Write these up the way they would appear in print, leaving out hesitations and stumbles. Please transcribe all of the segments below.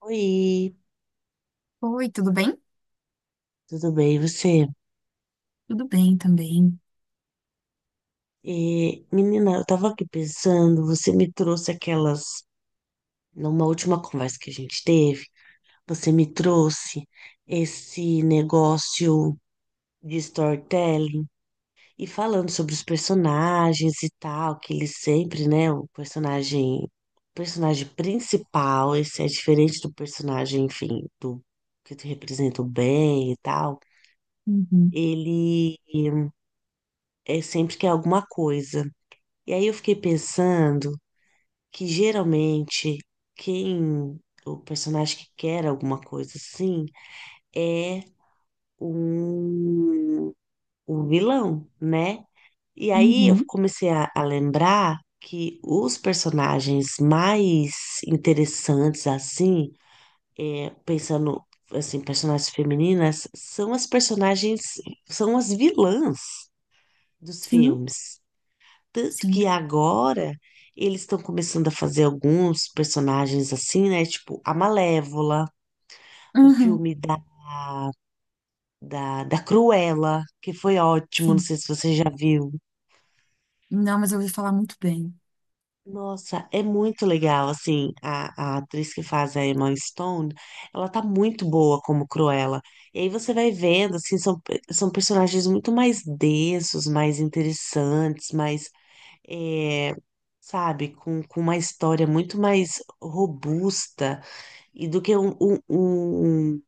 Oi, Oi, tudo bem? tudo bem, e você? Tudo bem também. Menina, eu tava aqui pensando, você me trouxe aquelas, numa última conversa que a gente teve, você me trouxe esse negócio de storytelling e falando sobre os personagens e tal, que eles sempre, né, o personagem principal, esse é diferente do personagem, enfim, do que te representa o bem e tal, Uhum, ele é sempre que é alguma coisa. E aí eu fiquei pensando que geralmente quem o personagem que quer alguma coisa assim é um, um vilão, né? E aí eu uhum. comecei a lembrar que os personagens mais interessantes assim, pensando assim, personagens femininas, são as vilãs dos Sim, filmes. Tanto que sim. agora eles estão começando a fazer alguns personagens assim, né? Tipo a Malévola, o Uhum, filme da, da Cruella, que foi ótimo, não sim. sei se você já viu. Não, mas eu ouvi falar muito bem. Nossa, é muito legal, assim, a atriz que faz a Emma Stone, ela tá muito boa como Cruella. E aí você vai vendo, assim, são personagens muito mais densos, mais interessantes, mais, é, sabe, com uma história muito mais robusta. E do que um, um, um,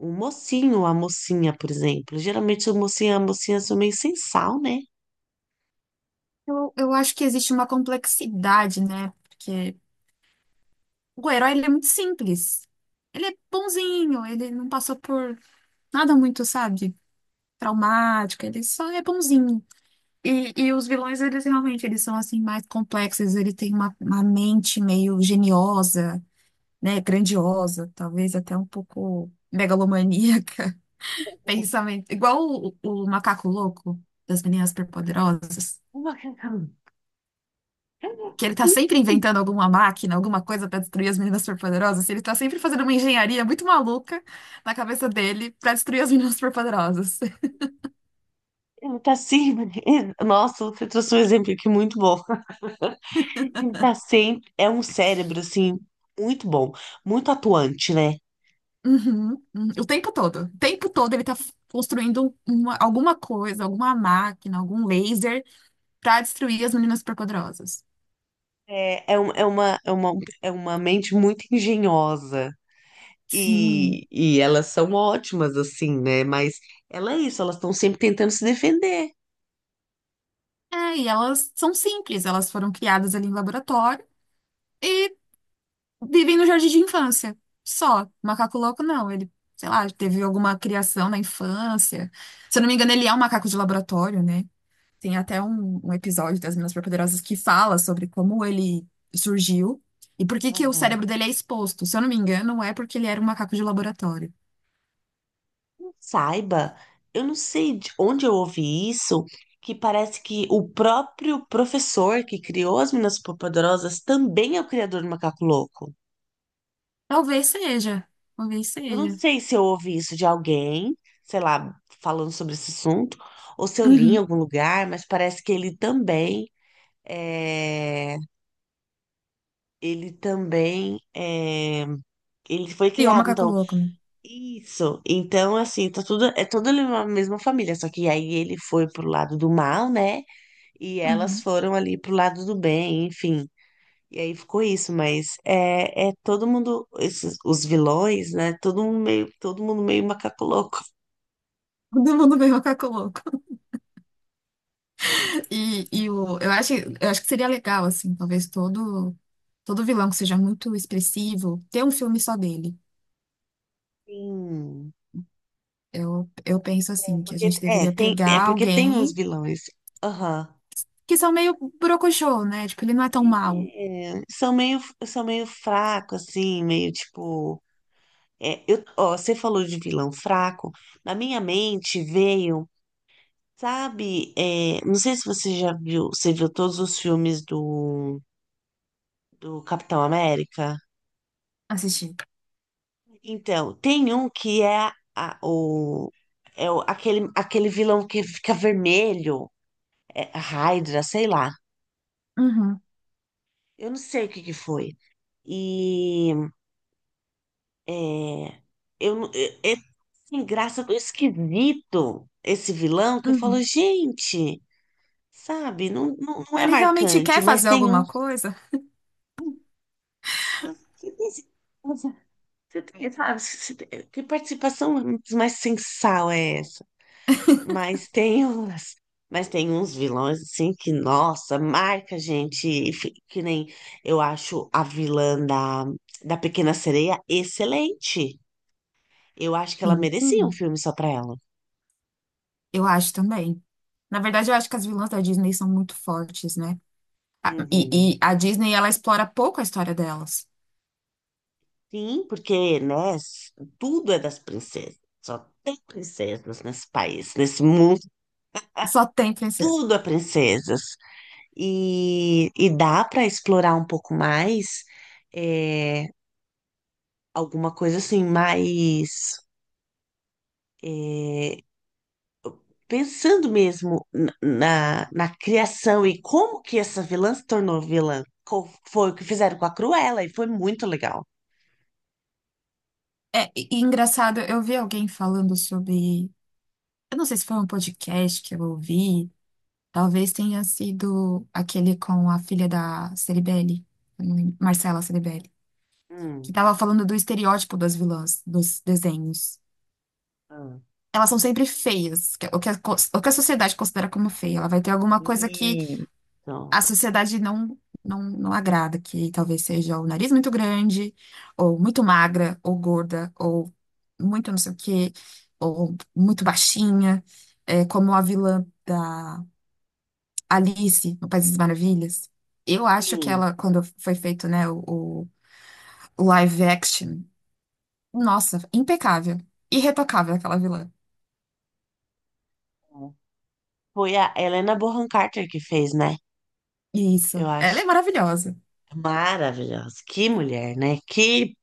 um mocinho ou a mocinha, por exemplo. Geralmente o mocinho e a mocinha são meio sem sal, né? Eu acho que existe uma complexidade, né? Porque o herói, ele é muito simples. Ele é bonzinho, ele não passou por nada muito, sabe, traumático, ele só é bonzinho. E os vilões, eles realmente, eles são, assim, mais complexos, ele tem uma mente meio geniosa, né, grandiosa, talvez até um pouco megalomaníaca. Pensamento. Igual o macaco louco das meninas superpoderosas, uma que ele tá sempre inventando alguma máquina, alguma coisa pra destruir as meninas superpoderosas, e ele tá sempre fazendo uma engenharia muito maluca na cabeça dele pra destruir as meninas superpoderosas. Ele tá sempre. Nossa, você trouxe um exemplo aqui muito bom. Ele tá sempre. É um cérebro, assim, muito bom, muito atuante, né? Uhum, uhum. O tempo todo. O tempo todo ele tá construindo alguma coisa, alguma máquina, algum laser pra destruir as meninas superpoderosas. É, é, um- é uma, é uma, É uma mente muito engenhosa. Sim. E elas são ótimas, assim, né? Mas ela é isso, elas estão sempre tentando se defender. É, e elas são simples, elas foram criadas ali em laboratório. E vivem no jardim de infância. Só. Macaco louco, não. Ele, sei lá, teve alguma criação na infância. Se eu não me engano, ele é um macaco de laboratório, né? Tem até um episódio das Meninas Superpoderosas que fala sobre como ele surgiu e por que que o Aham. cérebro dele é exposto. Se eu não me engano, é porque ele era um macaco de laboratório. Saiba, eu não sei de onde eu ouvi isso, que parece que o próprio professor que criou as Meninas Superpoderosas também é o criador do Macaco Louco. Talvez seja. Talvez Eu não seja. sei se eu ouvi isso de alguém, sei lá, falando sobre esse assunto, ou se eu li em Uhum. algum lugar, mas parece que é, ele também é, ele foi E o criado, macaco então, louco, né? isso. Então, assim, tá tudo, é toda uma mesma família, só que aí ele foi pro lado do mal, né? E elas Uhum. foram ali pro lado do bem, enfim. E aí ficou isso, mas é todo mundo, esses, os vilões, né? Todo mundo meio macaco louco. Todo mundo vê o macaco louco. Eu acho que seria legal, assim, todo vilão que seja muito expressivo, ter um filme só dele. Sim. Eu penso, assim, que a gente deveria É pegar porque tem uns alguém vilões. Aham. que são meio brocochô, né? Tipo, ele não é tão mal É, são meio fraco, assim, meio tipo. Ó, você falou de vilão fraco. Na minha mente veio, sabe? Não sei se você já viu, você viu todos os filmes do, Capitão América? assistir. Então, tem um que é, a, o, é o, aquele, aquele vilão que fica vermelho, a Hydra, sei lá. Uhum, Eu não sei o que que foi. E É, eu, não- é, é sem graça, tão esquisito esse vilão que eu falo, uhum. gente, sabe, não, não, não é Ele realmente marcante, quer mas fazer tem um. alguma coisa? Você tem, certeza? Você tem, sabe, você tem- Que participação mais sensal é essa? Mas tem umas, mas tem uns vilões assim que, nossa, marca, gente, que nem eu acho a vilã da Pequena Sereia excelente. Eu acho que ela Sim. merecia um filme só pra ela. Eu acho também. Na verdade, eu acho que as vilãs da Disney são muito fortes, né? A- Uhum. E, e a Disney, ela explora pouco a história delas. Sim, porque, né, tudo é das princesas. Só tem princesas nesse país, nesse mundo, Só tem princesa. tudo é princesas. E dá para explorar um pouco mais, é, alguma coisa assim, mais, eh, pensando mesmo na, na criação e como que essa vilã se tornou vilã. Foi o que fizeram com a Cruella e foi muito legal. É, e engraçado, eu vi alguém falando sobre. Eu não sei se foi um podcast que eu ouvi, talvez tenha sido aquele com a filha da Ceribelli, eu não lembro, Marcela Ceribelli, que Hum, tava falando do estereótipo das vilãs dos desenhos. ah, Elas são sempre feias, o que a sociedade considera como feia. Ela vai ter alguma coisa que e então, a sociedade não agrada, que talvez seja o nariz muito grande, ou muito magra, ou gorda, ou muito não sei o quê, ou muito baixinha, é, como a vilã da Alice no País das Maravilhas. Eu acho que sim. ela, quando foi feito, né, o live action, nossa, impecável, irretocável aquela vilã. Foi a Helena Bonham Carter que fez, né? Eu Isso, ela acho é maravilhosa. maravilhosa. Que mulher, né? Que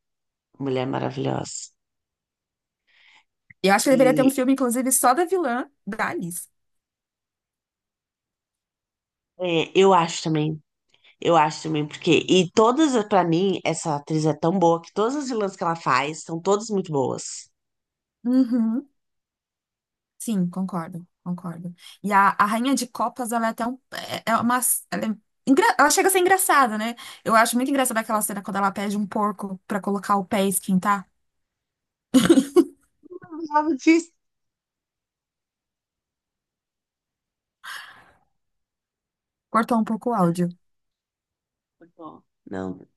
mulher maravilhosa. Eu acho que deveria ter um E filme, inclusive, só da vilã da Alice. Eu acho também, porque. E todas, pra mim, essa atriz é tão boa que todas as vilãs que ela faz são todas muito boas. Uhum. Sim, concordo, concordo. E a Rainha de Copas, ela é até é é uma, é ela chega a ser engraçada, né? Eu acho muito engraçada É. aquela cena quando ela pede um porco pra colocar o pé e esquentar. Eu não lembrava disso. Cortou um pouco o áudio, Muito bom. Não,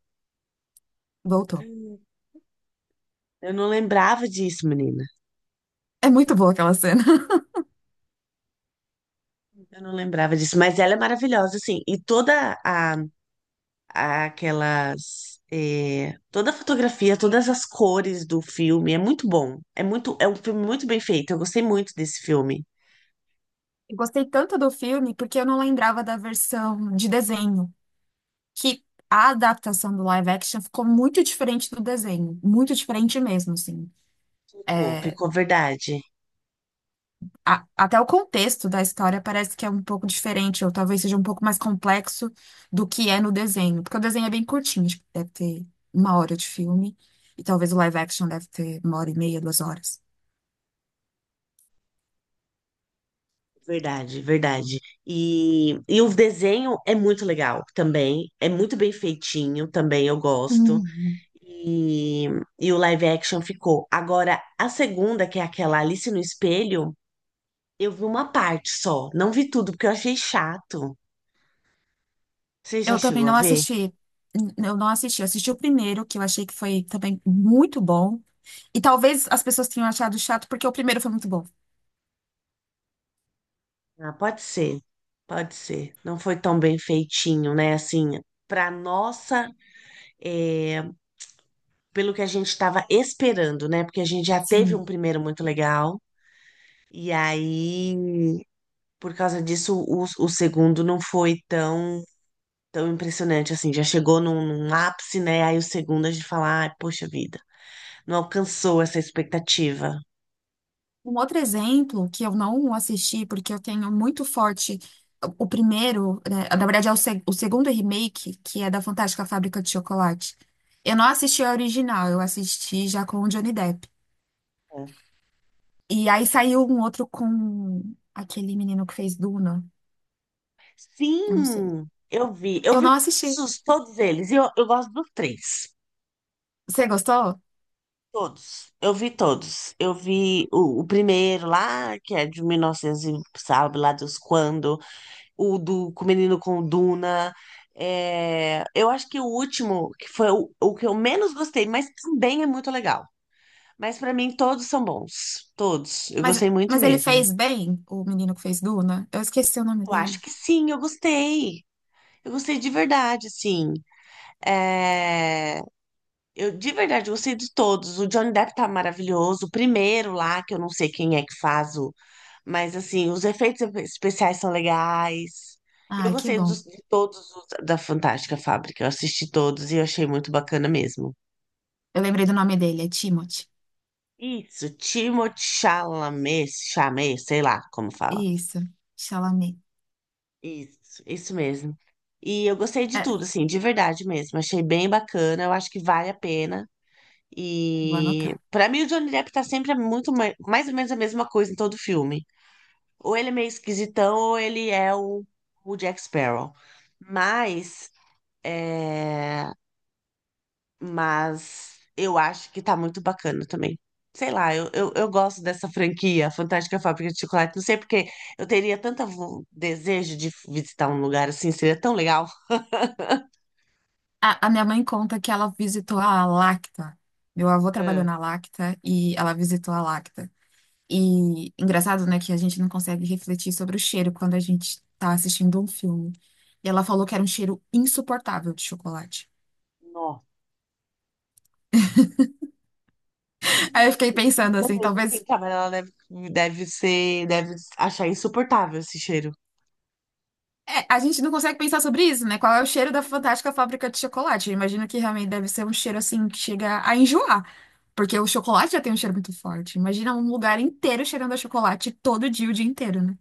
voltou. eu não lembrava disso, menina. É muito boa aquela cena. Eu não lembrava disso, mas ela é maravilhosa, assim. Toda a fotografia, todas as cores do filme, é muito bom. É um filme muito bem feito. Eu gostei muito desse filme. Eu gostei tanto do filme porque eu não lembrava da versão de desenho, que a adaptação do live action ficou muito diferente do desenho, muito diferente mesmo, assim. Ficou, É, ficou verdade, até o contexto da história parece que é um pouco diferente, ou talvez seja um pouco mais complexo do que é no desenho, porque o desenho é bem curtinho, tipo, deve ter uma hora de filme, e talvez o live action deve ter uma hora e meia, duas horas. verdade, verdade. E o desenho é muito legal também, é muito bem feitinho também, eu gosto. Uhum. E, e o live action ficou. Agora, a segunda, que é aquela Alice no Espelho, eu vi uma parte só, não vi tudo porque eu achei chato. Você já Eu também chegou a não ver? assisti, eu não assisti, eu assisti o primeiro, que eu achei que foi também muito bom, e talvez as pessoas tenham achado chato porque o primeiro foi muito bom. Ah, pode ser, pode ser. Não foi tão bem feitinho, né? Assim, para nossa, é, pelo que a gente estava esperando, né? Porque a gente já teve um Sim. primeiro muito legal, e aí, por causa disso, o segundo não foi tão, tão impressionante, assim, já chegou num ápice, né? Aí o segundo a gente fala, ai, poxa vida. Não alcançou essa expectativa. Um outro exemplo que eu não assisti, porque eu tenho muito forte o primeiro, né, na verdade é o, se- o segundo remake, que é da Fantástica Fábrica de Chocolate. Eu não assisti a original, eu assisti já com o Johnny Depp. E aí saiu um outro com aquele menino que fez Duna, eu não sei. Sim, eu vi. Eu Eu vi não assisti. todos, todos eles. E eu gosto dos três. Você gostou? Todos. Eu vi todos. Eu vi o primeiro lá, que é de 1900 e novecentos, e sabe lá dos quando. O do com o menino com Duna. É, eu acho que o último, que foi o que eu menos gostei, mas também é muito legal. Mas pra mim todos são bons, todos. Eu Mas, gostei muito mas ele mesmo. fez bem, o menino que fez Duna? Eu esqueci o nome Eu acho dele. que sim, eu gostei. Eu gostei de verdade, sim. É, Eu, de verdade, gostei de todos. O Johnny Depp tá maravilhoso. O primeiro lá, que eu não sei quem é que faz o. Mas, assim, os efeitos especiais são legais. Eu Ai, que gostei bom. De todos os da Fantástica Fábrica. Eu assisti todos e eu achei muito bacana mesmo. Eu lembrei do nome dele, é Timothy. Isso, Timothée Chalamet, Chalamet, sei lá como fala. Isso, Chalamet. Isso mesmo. E eu gostei de É, tudo, assim, de verdade mesmo. Achei bem bacana. Eu acho que vale a pena. vou E anotar. pra mim o Johnny Depp tá sempre muito mais ou menos a mesma coisa em todo filme. Ou ele é meio esquisitão, ou ele é o Jack Sparrow. Mas, é, mas eu acho que tá muito bacana também. Sei lá, eu gosto dessa franquia, Fantástica Fábrica de Chocolate. Não sei porque eu teria tanto desejo de visitar um lugar assim, seria tão legal. A minha mãe conta que ela visitou a Lacta. Meu avô trabalhou É. na Lacta e ela visitou a Lacta. E engraçado, né, que a gente não consegue refletir sobre o cheiro quando a gente tá assistindo um filme. E ela falou que era um cheiro insuportável de chocolate. Nossa. Aí eu fiquei pensando Até assim, mesmo quem talvez. trabalha lá deve achar insuportável esse cheiro. É, a gente não consegue pensar sobre isso, né? Qual é o cheiro da fantástica fábrica de chocolate? Eu imagino que realmente deve ser um cheiro assim que chega a enjoar. Porque o chocolate já tem um cheiro muito forte. Imagina um lugar inteiro cheirando a chocolate todo dia, o dia inteiro, né?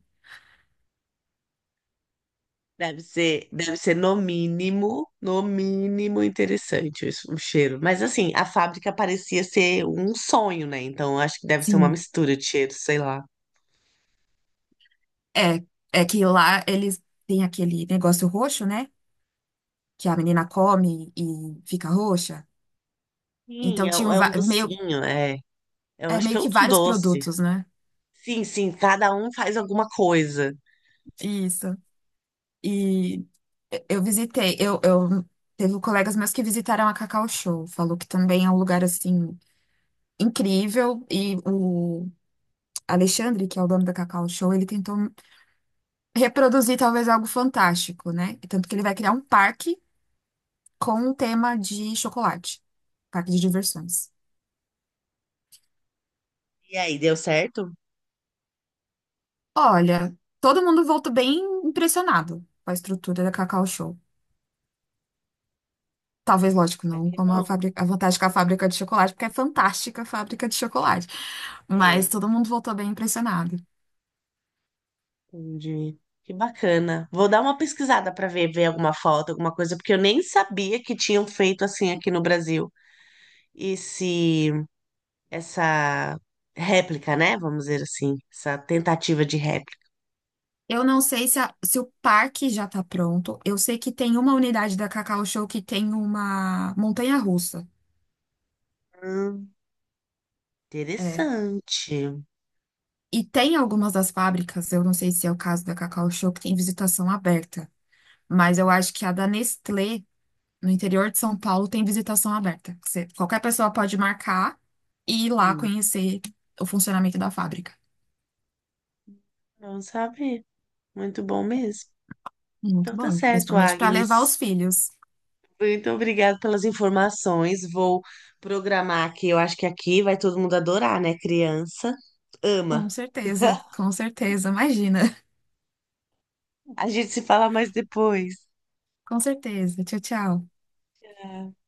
Deve ser no mínimo, no mínimo interessante isso, o cheiro. Mas assim, a fábrica parecia ser um sonho, né? Então acho que deve ser uma Sim. mistura de cheiros, sei lá. É, é que lá eles têm aquele negócio roxo, né? Que a menina come e fica roxa. Sim, Então é, tinham é um docinho, é. Eu acho que meio é um que do vários doce. produtos, né? Sim, sim, cada um faz alguma coisa. Isso. E eu visitei, eu teve colegas meus que visitaram a Cacau Show, falou que também é um lugar assim incrível e o Alexandre, que é o dono da Cacau Show, ele tentou reproduzir talvez algo fantástico, né? Tanto que ele vai criar um parque com um tema de chocolate, parque de diversões. E aí, deu certo? Olha, todo mundo voltou bem impressionado com a estrutura da Cacau Show. Talvez, lógico, Ah, não que como a bom. fábrica, a vantagem com a fábrica de chocolate, porque é fantástica a fábrica de chocolate. Mas É, todo mundo voltou bem impressionado. Entendi. Que bacana. Vou dar uma pesquisada para ver, alguma foto, alguma coisa, porque eu nem sabia que tinham feito assim aqui no Brasil. Esse Essa réplica, né? Vamos dizer assim, essa tentativa de réplica. Eu não sei se o parque já tá pronto. Eu sei que tem uma unidade da Cacau Show que tem uma montanha-russa. Hum, É. interessante. E tem algumas das fábricas, eu não sei se é o caso da Cacau Show, que tem visitação aberta. Mas eu acho que a da Nestlé no interior de São Paulo tem visitação aberta. Que qualquer pessoa pode marcar e ir lá Hum, conhecer o funcionamento da fábrica. bom saber. Muito bom mesmo. Muito Então tá bom, certo, principalmente para levar Agnes. os filhos. Muito obrigada pelas informações. Vou programar aqui. Eu acho que aqui vai todo mundo adorar, né? Criança ama. Com certeza, imagina. A gente se fala mais depois. Com certeza. Tchau, tchau. Tá.